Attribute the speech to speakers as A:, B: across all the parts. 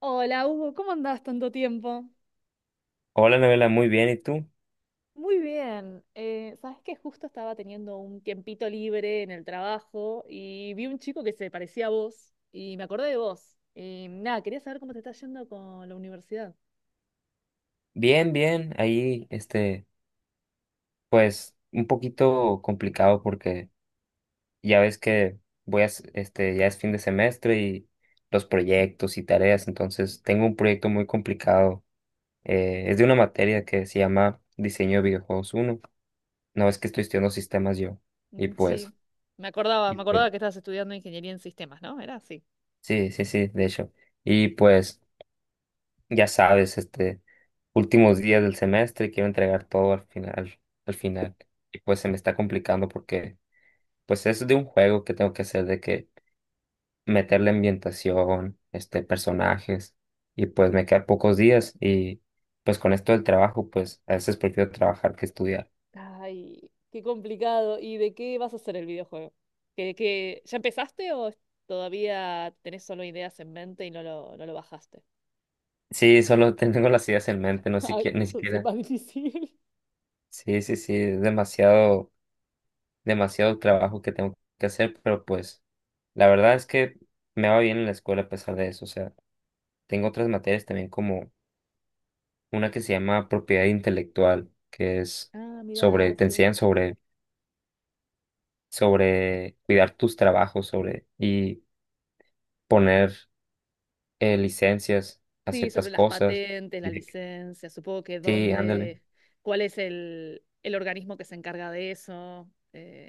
A: Hola, Hugo, ¿cómo andás tanto tiempo?
B: Hola, novela, muy bien. ¿Y tú?
A: Muy bien. ¿Sabes que Justo estaba teniendo un tiempito libre en el trabajo y vi un chico que se parecía a vos y me acordé de vos? Y nada, quería saber cómo te está yendo con la universidad.
B: Bien, bien. Ahí, pues, un poquito complicado porque ya ves que voy a, s- este, ya es fin de semestre y los proyectos y tareas. Entonces, tengo un proyecto muy complicado. Es de una materia que se llama Diseño de Videojuegos uno. No, es que estoy estudiando sistemas yo. Y
A: Mm,
B: pues,
A: sí, me acordaba,
B: y pues,
A: que estabas estudiando ingeniería en sistemas, ¿no? Era así.
B: sí, sí, sí, de hecho. Y pues. Ya sabes, últimos días del semestre, quiero entregar todo al final, al final. Y pues se me está complicando porque, pues es de un juego que tengo que hacer, de que meterle ambientación, personajes, y pues me quedan pocos días y pues con esto del trabajo, pues a veces prefiero trabajar que estudiar.
A: Ay, qué complicado. ¿Y de qué vas a hacer el videojuego? ¿Que ya empezaste o todavía tenés solo ideas en mente y no lo bajaste?
B: Sí, solo tengo las ideas en mente, no
A: Ah,
B: siquiera, ni
A: entonces es
B: siquiera.
A: más difícil.
B: Sí, sí, sí, es demasiado, demasiado trabajo que tengo que hacer, pero pues la verdad es que me va bien en la escuela a pesar de eso, o sea. Tengo otras materias también como una que se llama propiedad intelectual, que es
A: Ah, mira,
B: te
A: sí.
B: enseñan sobre cuidar tus trabajos, sobre y poner licencias a
A: Sí,
B: ciertas
A: sobre las
B: cosas.
A: patentes, la
B: Y de que-
A: licencia, supongo que
B: sí, ándale.
A: dónde, cuál es el organismo que se encarga de eso.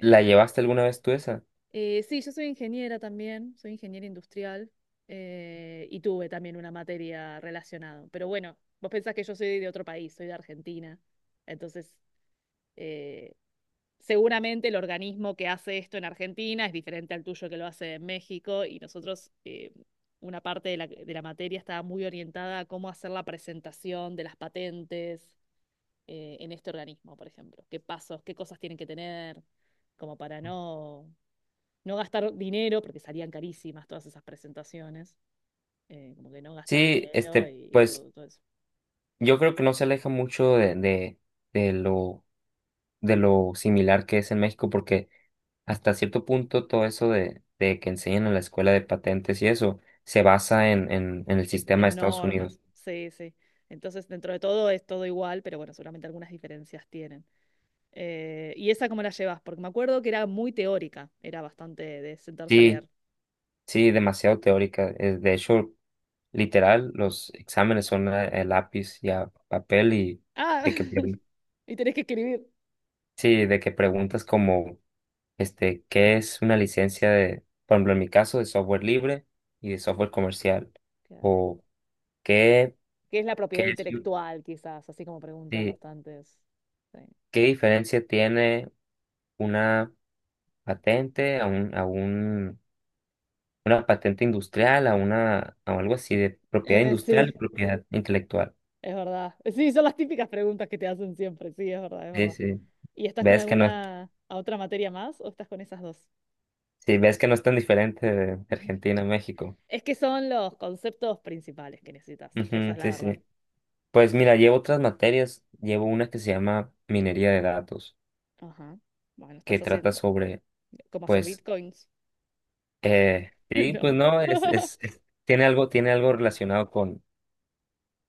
B: ¿La llevaste alguna vez tú esa?
A: Sí, yo soy ingeniera también, soy ingeniera industrial, y tuve también una materia relacionada. Pero bueno, vos pensás que yo soy de otro país, soy de Argentina, entonces, eh, seguramente el organismo que hace esto en Argentina es diferente al tuyo que lo hace en México y nosotros, una parte de la materia estaba muy orientada a cómo hacer la presentación de las patentes, en este organismo, por ejemplo. ¿Qué pasos, qué cosas tienen que tener como para no, no gastar dinero, porque salían carísimas todas esas presentaciones, como que no gastar
B: Sí,
A: dinero y
B: pues
A: todo, todo eso.
B: yo creo que no se aleja mucho de lo, de lo similar que es en México, porque hasta cierto punto todo eso de que enseñan en la escuela de patentes y eso se basa en el sistema de
A: En
B: Estados Unidos.
A: normas, sí, sí. Entonces, dentro de todo es todo igual, pero bueno, seguramente algunas diferencias tienen. ¿Y esa cómo la llevas? Porque me acuerdo que era muy teórica, era bastante de sentarse a
B: Sí,
A: leer.
B: sí, demasiado teórica. De hecho, literal, los exámenes son a lápiz y a papel y
A: Ah,
B: de que, pre-
A: y tenés que escribir.
B: sí, de que preguntas como, ¿qué es una licencia de, por ejemplo, en mi caso, de software libre y de software comercial?
A: Claro.
B: O, ¿qué,
A: ¿Qué es la
B: qué
A: propiedad
B: es, un-
A: intelectual, quizás? Así como preguntas
B: sí,
A: bastantes. Sí.
B: ¿qué diferencia tiene una patente, a un, una patente industrial, a una, a algo así de propiedad industrial
A: Sí,
B: y propiedad intelectual?
A: es verdad. Sí, son las típicas preguntas que te hacen siempre. Sí, es verdad, es
B: Sí,
A: verdad.
B: sí.
A: ¿Y estás con
B: Ves que no, es-
A: alguna a otra materia más o estás con esas dos?
B: Sí, ves que no es tan diferente de Argentina a México.
A: Es que son los conceptos principales que necesitas. Esa
B: Ujú,
A: es la
B: sí,
A: verdad.
B: sí. Pues mira, llevo otras materias. Llevo una que se llama minería de datos,
A: Ajá. Bueno,
B: que
A: estás
B: trata
A: haciendo
B: sobre,
A: como hacer
B: pues,
A: bitcoins.
B: sí, pues
A: No.
B: no, tiene algo relacionado con,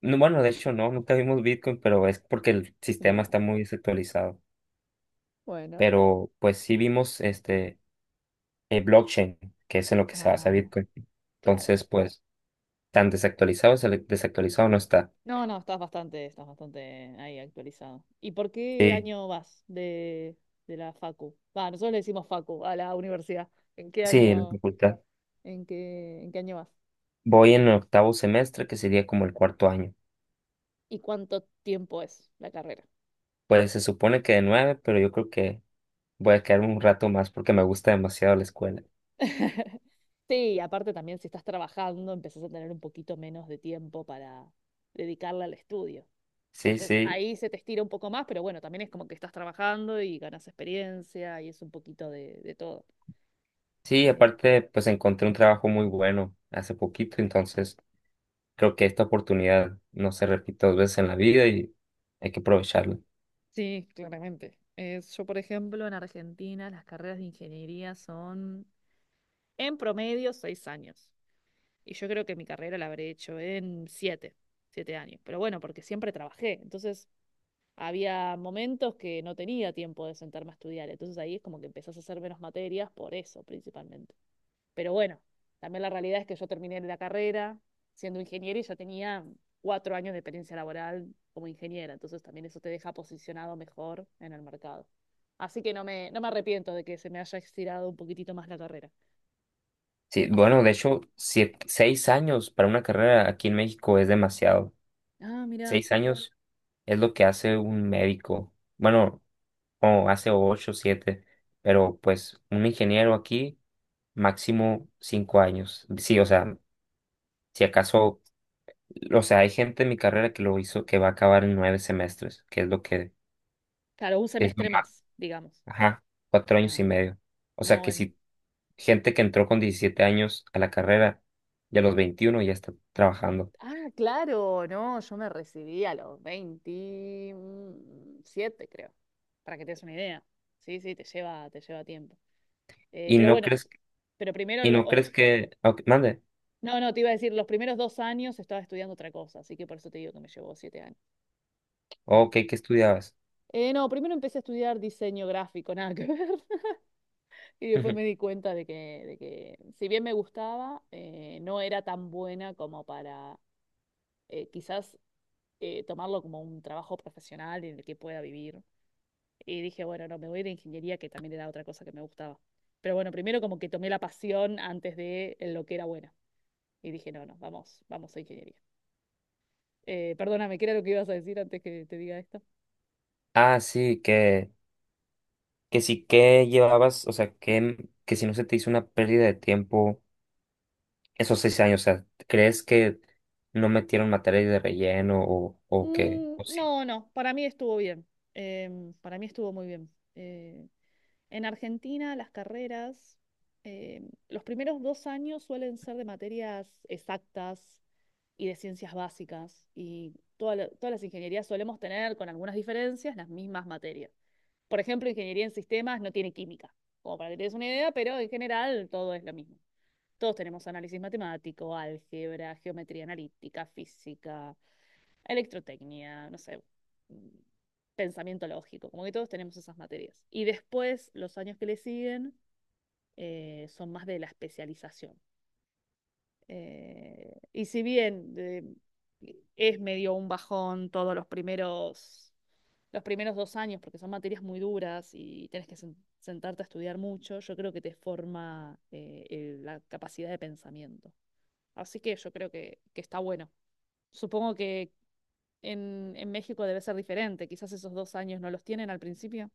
B: no, bueno, de hecho no, nunca vimos Bitcoin, pero es porque el sistema
A: No.
B: está muy desactualizado.
A: Bueno,
B: Pero pues sí vimos blockchain, que es en lo que se basa
A: ah,
B: Bitcoin.
A: claro.
B: Entonces, pues tan desactualizado, se desactualizado no está.
A: No, no, estás bastante, ahí actualizado. ¿Y por qué
B: Sí,
A: año vas de la facu? Va, nosotros le decimos facu a la universidad. ¿En qué
B: sí, en la
A: año,
B: facultad.
A: en qué año vas?
B: Voy en el octavo semestre, que sería como el cuarto año.
A: ¿Y cuánto tiempo es la carrera?
B: Pues se supone que de 9, pero yo creo que voy a quedar un rato más porque me gusta demasiado la escuela.
A: Sí, aparte también si estás trabajando, empezás a tener un poquito menos de tiempo para dedicarle al estudio.
B: Sí,
A: Entonces
B: sí.
A: ahí se te estira un poco más, pero bueno, también es como que estás trabajando y ganas experiencia y es un poquito de todo.
B: Sí,
A: Eh,
B: aparte, pues encontré un trabajo muy bueno hace poquito, entonces creo que esta oportunidad no se repite dos veces en la vida y hay que aprovecharla.
A: Sí, claramente. Yo, por ejemplo, en Argentina las carreras de ingeniería son en promedio 6 años. Y yo creo que mi carrera la habré hecho en siete años. Pero bueno, porque siempre trabajé. Entonces había momentos que no tenía tiempo de sentarme a estudiar. Entonces ahí es como que empezás a hacer menos materias por eso, principalmente. Pero bueno, también la realidad es que yo terminé la carrera siendo ingeniera y ya tenía 4 años de experiencia laboral como ingeniera, entonces también eso te deja posicionado mejor en el mercado. Así que no me arrepiento de que se me haya estirado un poquitito más la carrera.
B: Sí, bueno,
A: Así-
B: de hecho, 6 años para una carrera aquí en México es demasiado.
A: ah, mira.
B: 6 años es lo que hace un médico. Bueno, o hace ocho, siete, pero pues un ingeniero aquí, máximo 5 años. Sí, o sea, si acaso, o sea, hay gente en mi carrera que lo hizo, que va a acabar en 9 semestres, que
A: Claro, un
B: es lo
A: semestre
B: más,
A: más, digamos.
B: ajá, cuatro años y
A: Ah,
B: medio. O sea,
A: no,
B: que
A: el-
B: si gente que entró con 17 años a la carrera y a los 21 ya está trabajando.
A: ah, claro, no, yo me recibí a los 27, creo, para que te des una idea. Sí, sí, te lleva tiempo.
B: ¿Y
A: Pero
B: no
A: bueno,
B: crees?
A: pero primero, lo- o-
B: Ah, ok, mande.
A: no, no, te iba a decir, los primeros dos años estaba estudiando otra cosa, así que por eso te digo que me llevó 7 años. O
B: Oh,
A: sea,
B: ok, ¿qué estudiabas?
A: no, primero empecé a estudiar diseño gráfico, nada que ver, y después
B: Ujú.
A: me di cuenta de que si bien me gustaba, no era tan buena como para, quizás, tomarlo como un trabajo profesional en el que pueda vivir. Y dije, bueno, no, me voy de ingeniería, que también era otra cosa que me gustaba. Pero bueno, primero como que tomé la pasión antes de lo que era buena. Y dije, no, no, vamos, vamos a ingeniería. Perdóname, ¿qué era lo que ibas a decir antes que te diga esto?
B: Ah, sí, que, sí que llevabas, o sea, que si no se te hizo una pérdida de tiempo esos 6 años, o sea, ¿crees que no metieron materias de relleno
A: Mm,
B: o sí?
A: no, no, para mí estuvo bien. Para mí estuvo muy bien. En Argentina las carreras, los primeros 2 años suelen ser de materias exactas y de ciencias básicas y todas las ingenierías solemos tener con algunas diferencias las mismas materias. Por ejemplo, ingeniería en sistemas no tiene química, como para que te des una idea, pero en general todo es lo mismo. Todos tenemos análisis matemático, álgebra, geometría analítica, física, electrotecnia, no sé, mm, pensamiento lógico, como que todos tenemos esas materias. Y después, los años que le siguen, son más de la especialización. Y si bien, es medio un bajón todos los primeros, 2 años, porque son materias muy duras y tienes que sentarte a estudiar mucho, yo creo que te forma, la capacidad de pensamiento. Así que yo creo que está bueno. Supongo que en México debe ser diferente. Quizás esos 2 años no los tienen al principio.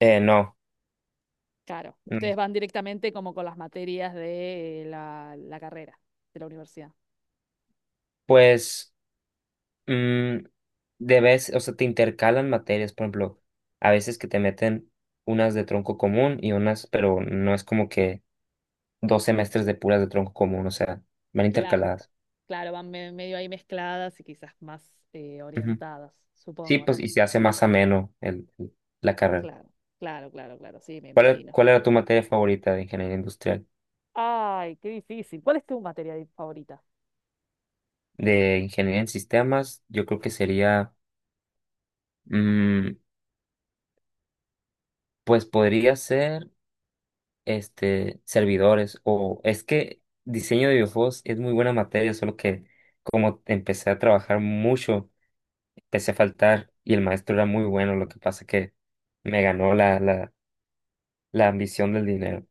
B: No.
A: Claro,
B: Mm,
A: ustedes van directamente como con las materias de, la carrera de la universidad.
B: pues, mm, de vez o sea, te intercalan materias, por ejemplo, a veces que te meten unas de tronco común y unas, pero no es como que 2 semestres de puras de tronco común, o sea, van
A: Que la,
B: intercaladas.
A: claro, medio ahí mezcladas y quizás más, orientadas,
B: Sí,
A: supongo,
B: pues
A: ¿no?
B: y se hace más ameno la carrera.
A: Claro, claro, claro, claro, sí, me
B: ¿Cuál, era-
A: imagino.
B: cuál era tu materia favorita de ingeniería industrial?
A: Ay, qué difícil. ¿Cuál es tu materia favorita?
B: De ingeniería en sistemas, yo creo que sería, mm, pues podría ser, servidores o es que diseño de videojuegos es muy buena materia, solo que como empecé a trabajar mucho, empecé a faltar y el maestro era muy bueno, lo que pasa que me ganó la, la ambición del dinero.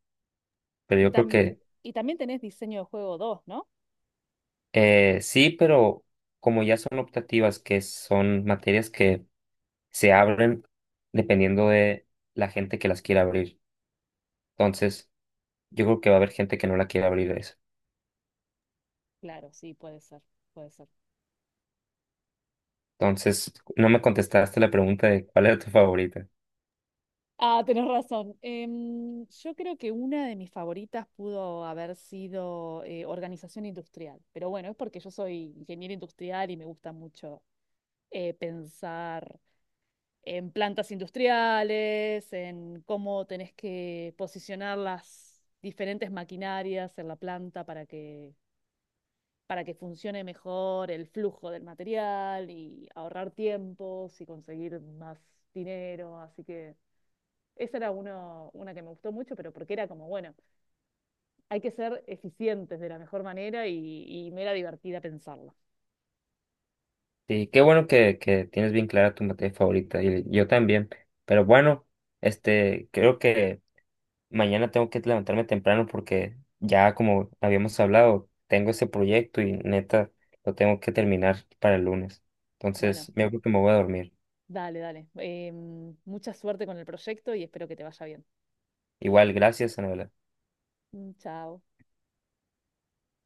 B: Pero
A: Y,
B: yo creo
A: tam-
B: que
A: y también tenés diseño de juego 2, ¿no?
B: Sí, pero como ya son optativas, que son materias que se abren dependiendo de la gente que las quiera abrir. Entonces, yo creo que va a haber gente que no la quiera abrir eso.
A: Claro, sí, puede ser, puede ser.
B: Entonces, no me contestaste la pregunta de cuál era tu favorita.
A: Ah, tenés razón. Yo creo que una de mis favoritas pudo haber sido, organización industrial, pero bueno, es porque yo soy ingeniera industrial y me gusta mucho, pensar en plantas industriales, en cómo tenés que posicionar las diferentes maquinarias en la planta para que funcione mejor el flujo del material y ahorrar tiempos y conseguir más dinero, así que... Esa era uno, una que me gustó mucho, pero porque era como, bueno, hay que ser eficientes de la mejor manera y me era divertida pensarlo.
B: Sí, qué bueno que tienes bien clara tu materia favorita. Y yo también. Pero bueno, creo que mañana tengo que levantarme temprano porque ya como habíamos hablado, tengo ese proyecto y neta lo tengo que terminar para el lunes.
A: Bueno,
B: Entonces, me creo que me voy a dormir.
A: dale, dale. Mucha suerte con el proyecto y espero que te vaya bien.
B: Igual, gracias, Ana
A: Mm, chao.